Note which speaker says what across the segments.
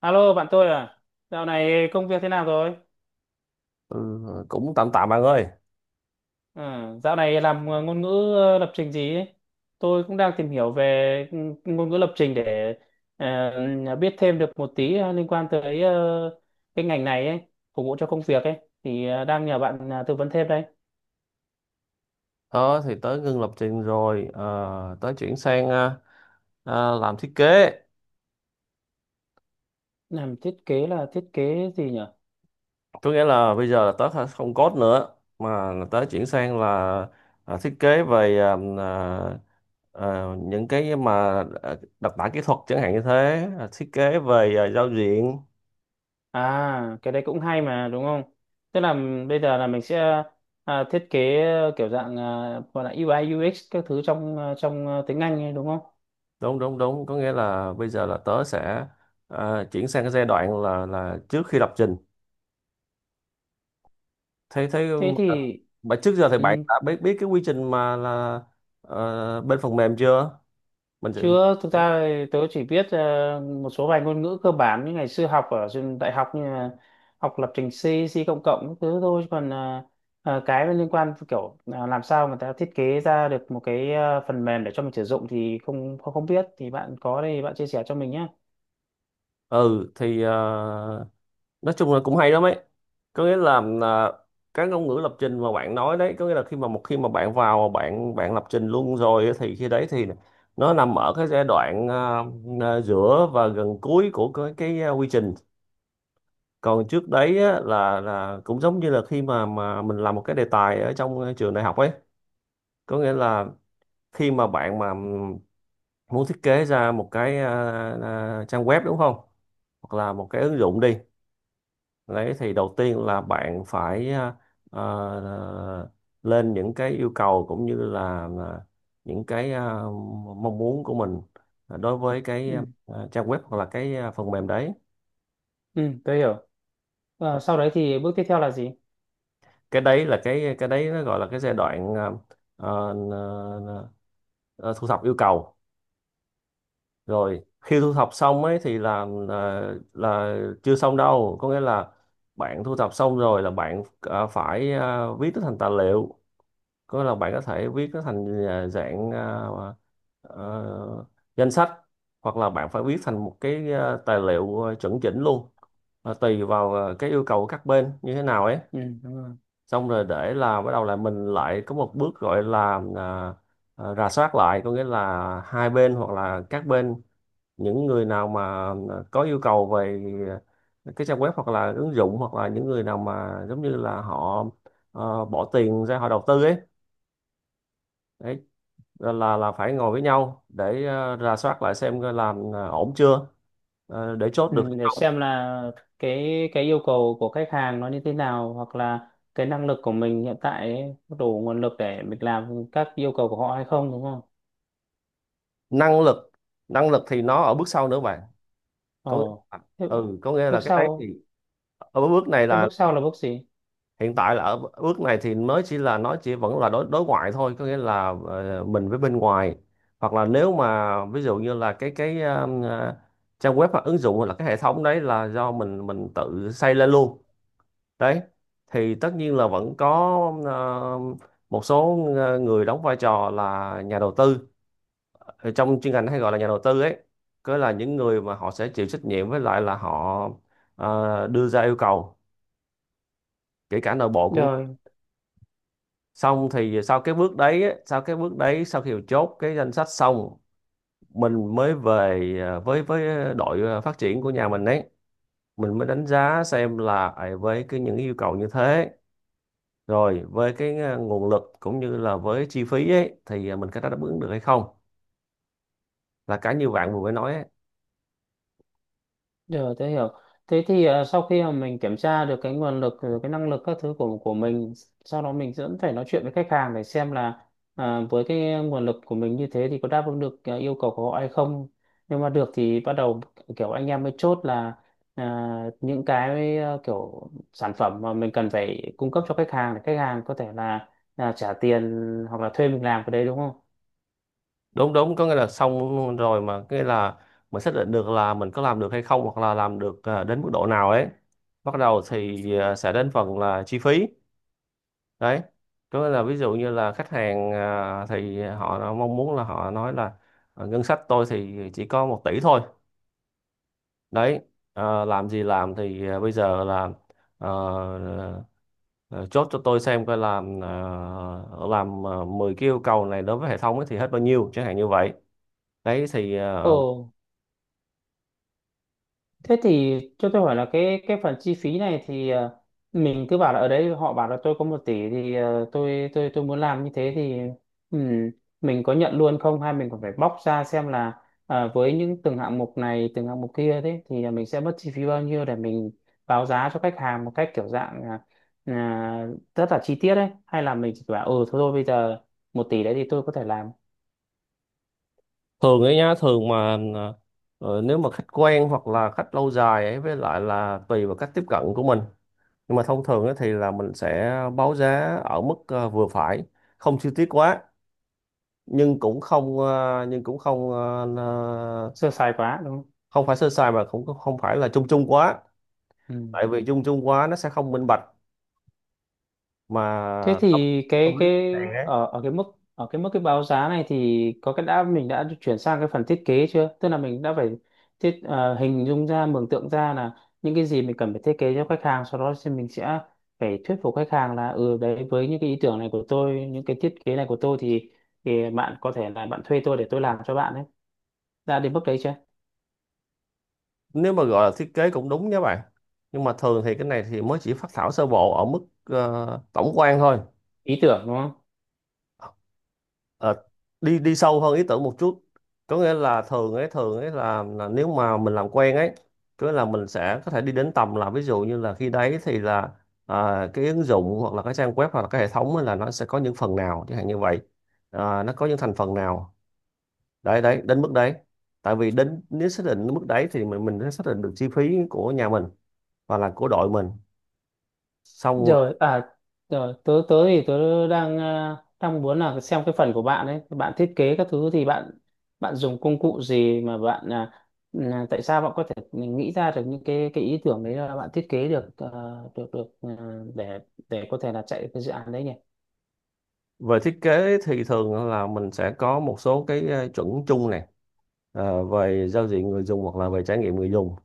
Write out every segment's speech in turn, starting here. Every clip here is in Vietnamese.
Speaker 1: Alo bạn tôi à, dạo này công việc thế nào rồi?
Speaker 2: Ừ, cũng tạm tạm bạn ơi.
Speaker 1: Ừ, dạo này làm ngôn ngữ lập trình gì ấy? Tôi cũng đang tìm hiểu về ngôn ngữ lập trình để biết thêm được một tí liên quan tới cái ngành này ấy, phục vụ cho công việc ấy. Thì đang nhờ bạn tư vấn thêm đây.
Speaker 2: Đó thì tới ngưng lập trình rồi, tới chuyển sang làm thiết kế.
Speaker 1: Làm thiết kế là thiết kế gì nhỉ?
Speaker 2: Có nghĩa là bây giờ là tới không code nữa mà là tới chuyển sang là thiết kế về những cái mà đặc tả kỹ thuật chẳng hạn như thế, thiết kế về giao diện.
Speaker 1: À, cái đấy cũng hay mà đúng không? Tức là bây giờ là mình sẽ thiết kế kiểu dạng gọi là UI UX các thứ trong tiếng Anh ấy, đúng không?
Speaker 2: Đúng đúng đúng, có nghĩa là bây giờ là tớ sẽ chuyển sang cái giai đoạn là trước khi lập trình, thế thế
Speaker 1: Thế
Speaker 2: mà,
Speaker 1: thì
Speaker 2: mà trước giờ thì bạn
Speaker 1: ừ,
Speaker 2: đã biết biết cái quy trình mà là bên phần mềm chưa. Mình sẽ
Speaker 1: chưa, thực ra thì tớ chỉ biết một số vài ngôn ngữ cơ bản như ngày xưa học ở trường đại học như là học lập trình C, C cộng cộng các thứ thôi. Chứ còn cái liên quan kiểu làm sao mà ta thiết kế ra được một cái phần mềm để cho mình sử dụng thì không không không biết, thì bạn có đây bạn chia sẻ cho mình nhé.
Speaker 2: ừ thì nói chung là cũng hay lắm ấy. Có nghĩa là cái ngôn ngữ lập trình mà bạn nói đấy có nghĩa là khi mà một khi mà bạn vào bạn bạn lập trình luôn rồi ấy, thì khi đấy thì nó nằm ở cái giai đoạn giữa và gần cuối của quy trình. Còn trước đấy á, là cũng giống như là khi mà mình làm một cái đề tài ở trong trường đại học ấy. Có nghĩa là khi mà bạn mà muốn thiết kế ra một cái trang web đúng không, hoặc là một cái ứng dụng đi, đấy thì đầu tiên là bạn phải à, lên những cái yêu cầu cũng như là những cái mong muốn của mình đối với cái
Speaker 1: Ừ,
Speaker 2: trang web hoặc là cái phần mềm đấy.
Speaker 1: ừ, tớ hiểu. Ờ, sau đấy thì bước tiếp theo là gì?
Speaker 2: Cái đấy là cái đấy, nó gọi là cái giai đoạn à, thu thập yêu cầu. Rồi khi thu thập xong ấy thì là chưa xong đâu, có nghĩa là bạn thu thập xong rồi là bạn phải viết nó thành tài liệu. Có nghĩa là bạn có thể viết nó thành dạng ờ, danh sách, hoặc là bạn phải viết thành một cái tài liệu chuẩn chỉnh luôn. Và tùy vào cái yêu cầu của các bên như thế nào ấy.
Speaker 1: Ừ, đúng rồi.
Speaker 2: Xong rồi để là bắt đầu là mình lại có một bước gọi là rà soát lại. Có nghĩa là hai bên hoặc là các bên, những người nào mà có yêu cầu về cái trang web hoặc là ứng dụng, hoặc là những người nào mà giống như là họ bỏ tiền ra họ đầu tư ấy, đấy, là phải ngồi với nhau để rà soát lại xem coi làm ổn chưa, để chốt
Speaker 1: Ừ,
Speaker 2: được hay
Speaker 1: để
Speaker 2: không.
Speaker 1: xem là cái yêu cầu của khách hàng nó như thế nào, hoặc là cái năng lực của mình hiện tại ấy, có đủ nguồn lực để mình làm các yêu cầu của họ hay không, đúng không?
Speaker 2: Năng lực năng lực thì nó ở bước sau nữa bạn. Có nghĩa
Speaker 1: Ồ,
Speaker 2: là,
Speaker 1: thế
Speaker 2: ừ, có nghĩa là
Speaker 1: bước
Speaker 2: cái đấy thì
Speaker 1: sau,
Speaker 2: ở bước này
Speaker 1: thế
Speaker 2: là,
Speaker 1: bước sau là bước gì?
Speaker 2: hiện tại là ở bước này thì mới chỉ là, nó chỉ vẫn là đối đối ngoại thôi. Có nghĩa là mình với bên ngoài, hoặc là nếu mà ví dụ như là trang web hoặc ứng dụng hoặc là cái hệ thống đấy là do mình tự xây lên luôn đấy, thì tất nhiên là vẫn có ờ, một số người đóng vai trò là nhà đầu tư. Ở trong chuyên ngành hay gọi là nhà đầu tư ấy, cứ là những người mà họ sẽ chịu trách nhiệm với lại là họ đưa ra yêu cầu, kể cả nội bộ cũng.
Speaker 1: Rồi,
Speaker 2: Xong thì sau cái bước đấy á, sau cái bước đấy, sau khi chốt cái danh sách xong, mình mới về với đội phát triển của nhà mình ấy. Mình mới đánh giá xem là với cái những yêu cầu như thế, rồi với cái nguồn lực cũng như là với chi phí ấy, thì mình có đáp ứng được hay không, là cái như bạn vừa mới nói ấy.
Speaker 1: rồi tôi hiểu. Thế thì à, sau khi mà mình kiểm tra được cái nguồn lực, rồi cái năng lực các thứ của mình, sau đó mình vẫn phải nói chuyện với khách hàng để xem là à, với cái nguồn lực của mình như thế thì có đáp ứng được à, yêu cầu của họ hay không. Nhưng mà được thì bắt đầu kiểu anh em mới chốt là à, những cái à, kiểu sản phẩm mà mình cần phải cung cấp cho khách hàng để khách hàng có thể là trả tiền hoặc là thuê mình làm cái đấy đúng không?
Speaker 2: Đúng đúng, có nghĩa là xong rồi mà cái là mình xác định được là mình có làm được hay không, hoặc là làm được đến mức độ nào ấy, bắt đầu thì sẽ đến phần là chi phí, đấy. Có nghĩa là ví dụ như là khách hàng thì họ mong muốn, là họ nói là: Ngân sách tôi thì chỉ có 1 tỷ thôi, đấy, làm gì làm thì bây giờ là ờ, ờ, chốt cho tôi xem coi làm 10 cái yêu cầu này đối với hệ thống ấy thì hết bao nhiêu, chẳng hạn như vậy, đấy thì
Speaker 1: Ồ, thế thì cho tôi hỏi là cái phần chi phí này thì mình cứ bảo là ở đấy họ bảo là tôi có 1 tỷ thì ờ, tôi muốn làm như thế thì ừm, mình có nhận luôn không hay mình còn phải bóc ra xem là với những từng hạng mục này từng hạng mục kia thế thì mình sẽ mất chi phí bao nhiêu để mình báo giá cho khách hàng một cách kiểu dạng là, à, rất là chi tiết đấy, hay là mình chỉ bảo ừ thôi thôi bây giờ 1 tỷ đấy thì tôi có thể làm
Speaker 2: thường ấy nhá, thường mà nếu mà khách quen hoặc là khách lâu dài ấy, với lại là tùy vào cách tiếp cận của mình. Nhưng mà thông thường á thì là mình sẽ báo giá ở mức vừa phải, không chi tiết quá, nhưng cũng không ờ, ờ,
Speaker 1: sơ sài quá đúng không?
Speaker 2: không phải sơ sài, mà cũng không không phải là chung chung quá.
Speaker 1: Ừ.
Speaker 2: Tại vì chung chung quá nó sẽ không minh bạch
Speaker 1: Thế
Speaker 2: mà không
Speaker 1: thì
Speaker 2: không biết khách
Speaker 1: cái
Speaker 2: hàng
Speaker 1: ở
Speaker 2: ấy.
Speaker 1: ở cái mức cái báo giá này thì có cái đã mình đã chuyển sang cái phần thiết kế chưa? Tức là mình đã phải thiết hình dung ra, mường tượng ra là những cái gì mình cần phải thiết kế cho khách hàng, sau đó thì mình sẽ phải thuyết phục khách hàng là ừ đấy, với những cái ý tưởng này của tôi, những cái thiết kế này của tôi thì bạn có thể là bạn thuê tôi để tôi làm cho bạn ấy. Đã đến bước đấy chưa?
Speaker 2: Nếu mà gọi là thiết kế cũng đúng nha bạn, nhưng mà thường thì cái này thì mới chỉ phác thảo sơ bộ ở mức tổng quan thôi.
Speaker 1: Ý tưởng đúng không?
Speaker 2: Ờ, đi đi sâu hơn ý tưởng một chút, có nghĩa là thường ấy là nếu mà mình làm quen ấy. Có nghĩa là mình sẽ có thể đi đến tầm là ví dụ như là khi đấy thì là cái ứng dụng hoặc là cái trang web hoặc là cái hệ thống ấy, là nó sẽ có những phần nào chẳng hạn như vậy, nó có những thành phần nào, đấy, đến mức đấy. Tại vì đến nếu xác định mức đấy thì mình sẽ xác định được chi phí của nhà mình và là của đội mình, xong rồi.
Speaker 1: Rồi à, rồi tớ tớ thì tớ đang à, đang muốn là xem cái phần của bạn ấy, bạn thiết kế các thứ thì bạn bạn dùng công cụ gì mà bạn à, là tại sao bạn có thể nghĩ ra được những cái ý tưởng đấy, là bạn thiết kế được được được để để có thể là chạy cái dự án đấy nhỉ.
Speaker 2: Về thiết kế thì thường là mình sẽ có một số cái chuẩn chung nè, về giao diện người dùng hoặc là về trải nghiệm người dùng,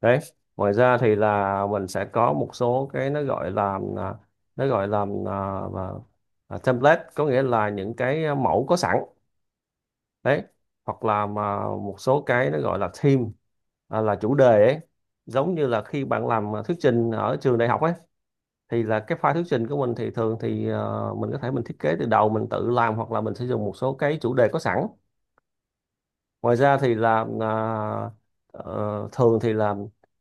Speaker 2: đấy. Ngoài ra thì là mình sẽ có một số cái nó gọi là nó gọi là à, và- template, có nghĩa là những cái mẫu có sẵn, đấy, hoặc là mà một số cái nó gọi là theme, là chủ đề ấy. Giống như là khi bạn làm thuyết trình ở trường đại học ấy, thì là cái file thuyết trình của mình thì thường thì mình có thể mình thiết kế từ đầu mình tự làm, hoặc là mình sẽ dùng một số cái chủ đề có sẵn. Ngoài ra thì là thường thì là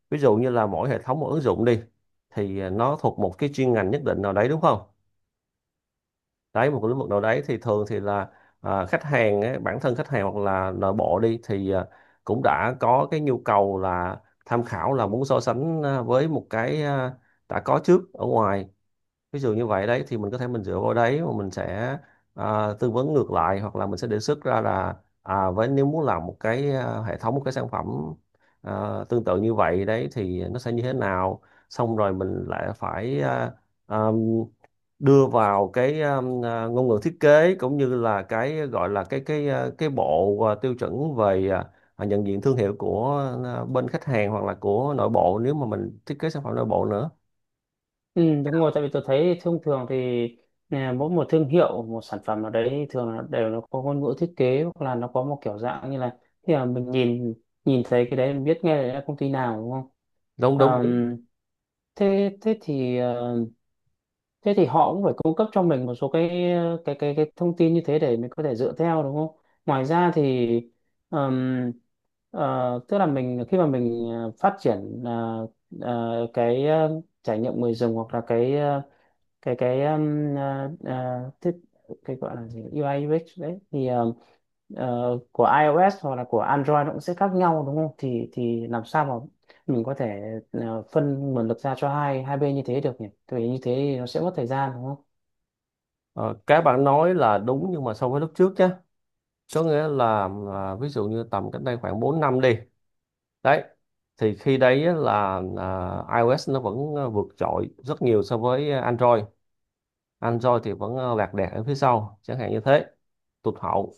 Speaker 2: ví dụ như là mỗi hệ thống một ứng dụng đi, thì nó thuộc một cái chuyên ngành nhất định nào đấy đúng không, đấy, một cái lĩnh vực nào đấy, thì thường thì là khách hàng ấy, bản thân khách hàng hoặc là nội bộ đi thì cũng đã có cái nhu cầu là tham khảo, là muốn so sánh với một cái đã có trước ở ngoài, ví dụ như vậy. Đấy thì mình có thể mình dựa vào đấy mà mình sẽ tư vấn ngược lại, hoặc là mình sẽ đề xuất ra là với, nếu muốn làm một cái hệ thống, một cái sản phẩm à, tương tự như vậy đấy thì nó sẽ như thế nào. Xong rồi mình lại phải à, đưa vào cái ngôn ngữ thiết kế, cũng như là cái gọi là cái bộ tiêu chuẩn về nhận diện thương hiệu của bên khách hàng, hoặc là của nội bộ nếu mà mình thiết kế sản phẩm nội bộ nữa.
Speaker 1: Ừ, đúng rồi, tại vì tôi thấy thông thường thì à, mỗi một thương hiệu, một sản phẩm nào đấy thường là đều nó có ngôn ngữ thiết kế, hoặc là nó có một kiểu dạng như là khi mà mình nhìn, thấy cái đấy mình biết ngay là công ty nào đúng không?
Speaker 2: Đúng đúng đúng.
Speaker 1: Ờm, thế thế thì ờ, thế thì họ cũng phải cung cấp cho mình một số cái cái thông tin như thế để mình có thể dựa theo đúng không? Ngoài ra thì ờm, tức là mình, khi mà mình phát triển cái trải nghiệm người dùng hoặc là cái cái thiết, cái gọi là gì, UI UX đấy thì của iOS hoặc là của Android nó cũng sẽ khác nhau đúng không? Thì làm sao mà mình có thể phân nguồn lực ra cho hai hai bên như thế được nhỉ? Tại vì như thế thì nó sẽ mất thời gian đúng không?
Speaker 2: Ờ, Cái bạn nói là đúng, nhưng mà so với lúc trước nhé, có nghĩa là ví dụ như tầm cách đây khoảng 4 năm đi, đấy thì khi đấy á là iOS nó vẫn vượt trội rất nhiều so với Android. Android thì vẫn lạc đẻ ở phía sau chẳng hạn như thế, tụt hậu,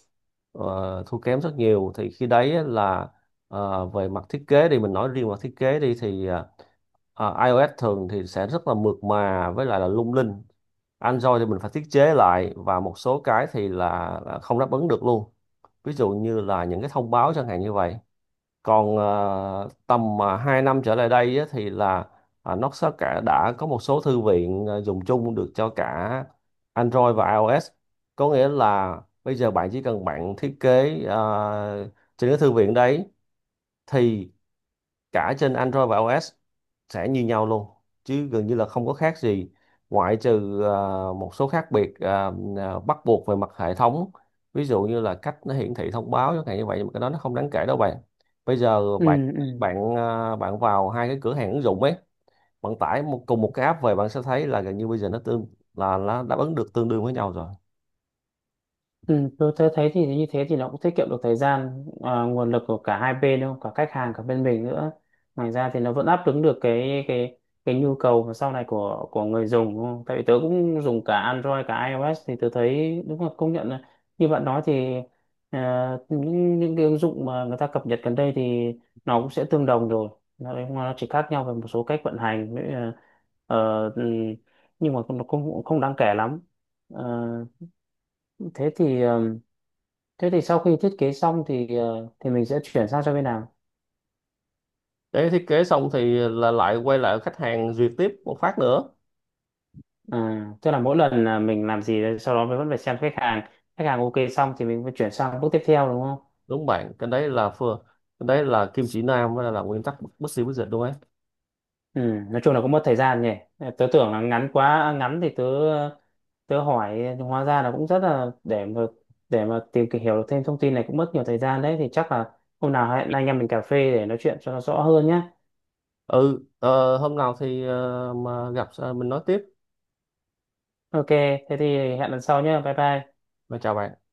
Speaker 2: thua kém rất nhiều, thì khi đấy là về mặt thiết kế, thì mình nói riêng mặt thiết kế đi, thì iOS thường thì sẽ rất là mượt mà với lại là lung linh. Android thì mình phải thiết chế lại, và một số cái thì là không đáp ứng được luôn, ví dụ như là những cái thông báo chẳng hạn như vậy. Còn tầm 2 năm trở lại đây á, thì là nó sẽ, cả đã có một số thư viện dùng chung được cho cả Android và iOS. Có nghĩa là bây giờ bạn chỉ cần bạn thiết kế trên cái thư viện đấy, thì cả trên Android và iOS sẽ như nhau luôn, chứ gần như là không có khác gì, ngoại trừ một số khác biệt bắt buộc về mặt hệ thống, ví dụ như là cách nó hiển thị thông báo chẳng hạn như vậy, nhưng mà cái đó nó không đáng kể đâu bạn. Bây giờ bạn
Speaker 1: Ừ, ừ.
Speaker 2: bạn ờ, bạn vào hai cái cửa hàng ứng dụng ấy, bạn tải một, cùng một cái app về, bạn sẽ thấy là gần như bây giờ nó tương, là nó đáp ứng được tương đương với nhau rồi.
Speaker 1: Ừ, tôi thấy, thấy thì như thế thì nó cũng tiết kiệm được thời gian à, nguồn lực của cả hai bên đúng không, cả khách hàng cả bên mình nữa, ngoài ra thì nó vẫn đáp ứng được cái cái nhu cầu mà sau này của người dùng đúng không? Tại vì tớ cũng dùng cả Android cả iOS thì tớ thấy đúng là công nhận là như bạn nói thì à, những cái ứng dụng mà người ta cập nhật gần đây thì nó cũng sẽ tương đồng rồi, nó chỉ khác nhau về một số cách vận hành với, ờ, ừ, nhưng mà nó cũng cũng không đáng kể lắm. Ờ, thế thì ờ, thế thì sau khi thiết kế xong thì thì mình sẽ chuyển sang cho bên nào?
Speaker 2: Để thiết kế xong thì là lại quay lại khách hàng duyệt tiếp một phát nữa.
Speaker 1: À, tức là mỗi lần là mình làm gì đấy, sau đó mình vẫn phải xem khách hàng ok xong thì mình mới chuyển sang bước tiếp theo đúng không?
Speaker 2: Đúng bạn, cái đấy là kim chỉ nam, với là nguyên tắc bất bất xì bất dịch luôn ấy.
Speaker 1: Ừ, nói chung là cũng mất thời gian nhỉ. Ờ, tớ tưởng là ngắn quá, à, ngắn thì tớ tớ hỏi, nhưng hóa ra là cũng rất là để mà tìm kì- hiểu được thêm thông tin này cũng mất nhiều thời gian đấy, thì chắc là hôm nào hẹn anh em mình cà phê để nói chuyện cho nó rõ hơn nhé.
Speaker 2: Ừ, hôm nào thì mà gặp mình nói tiếp
Speaker 1: Ok, thế thì hẹn lần sau nhé. Bye bye.
Speaker 2: mà, chào bạn.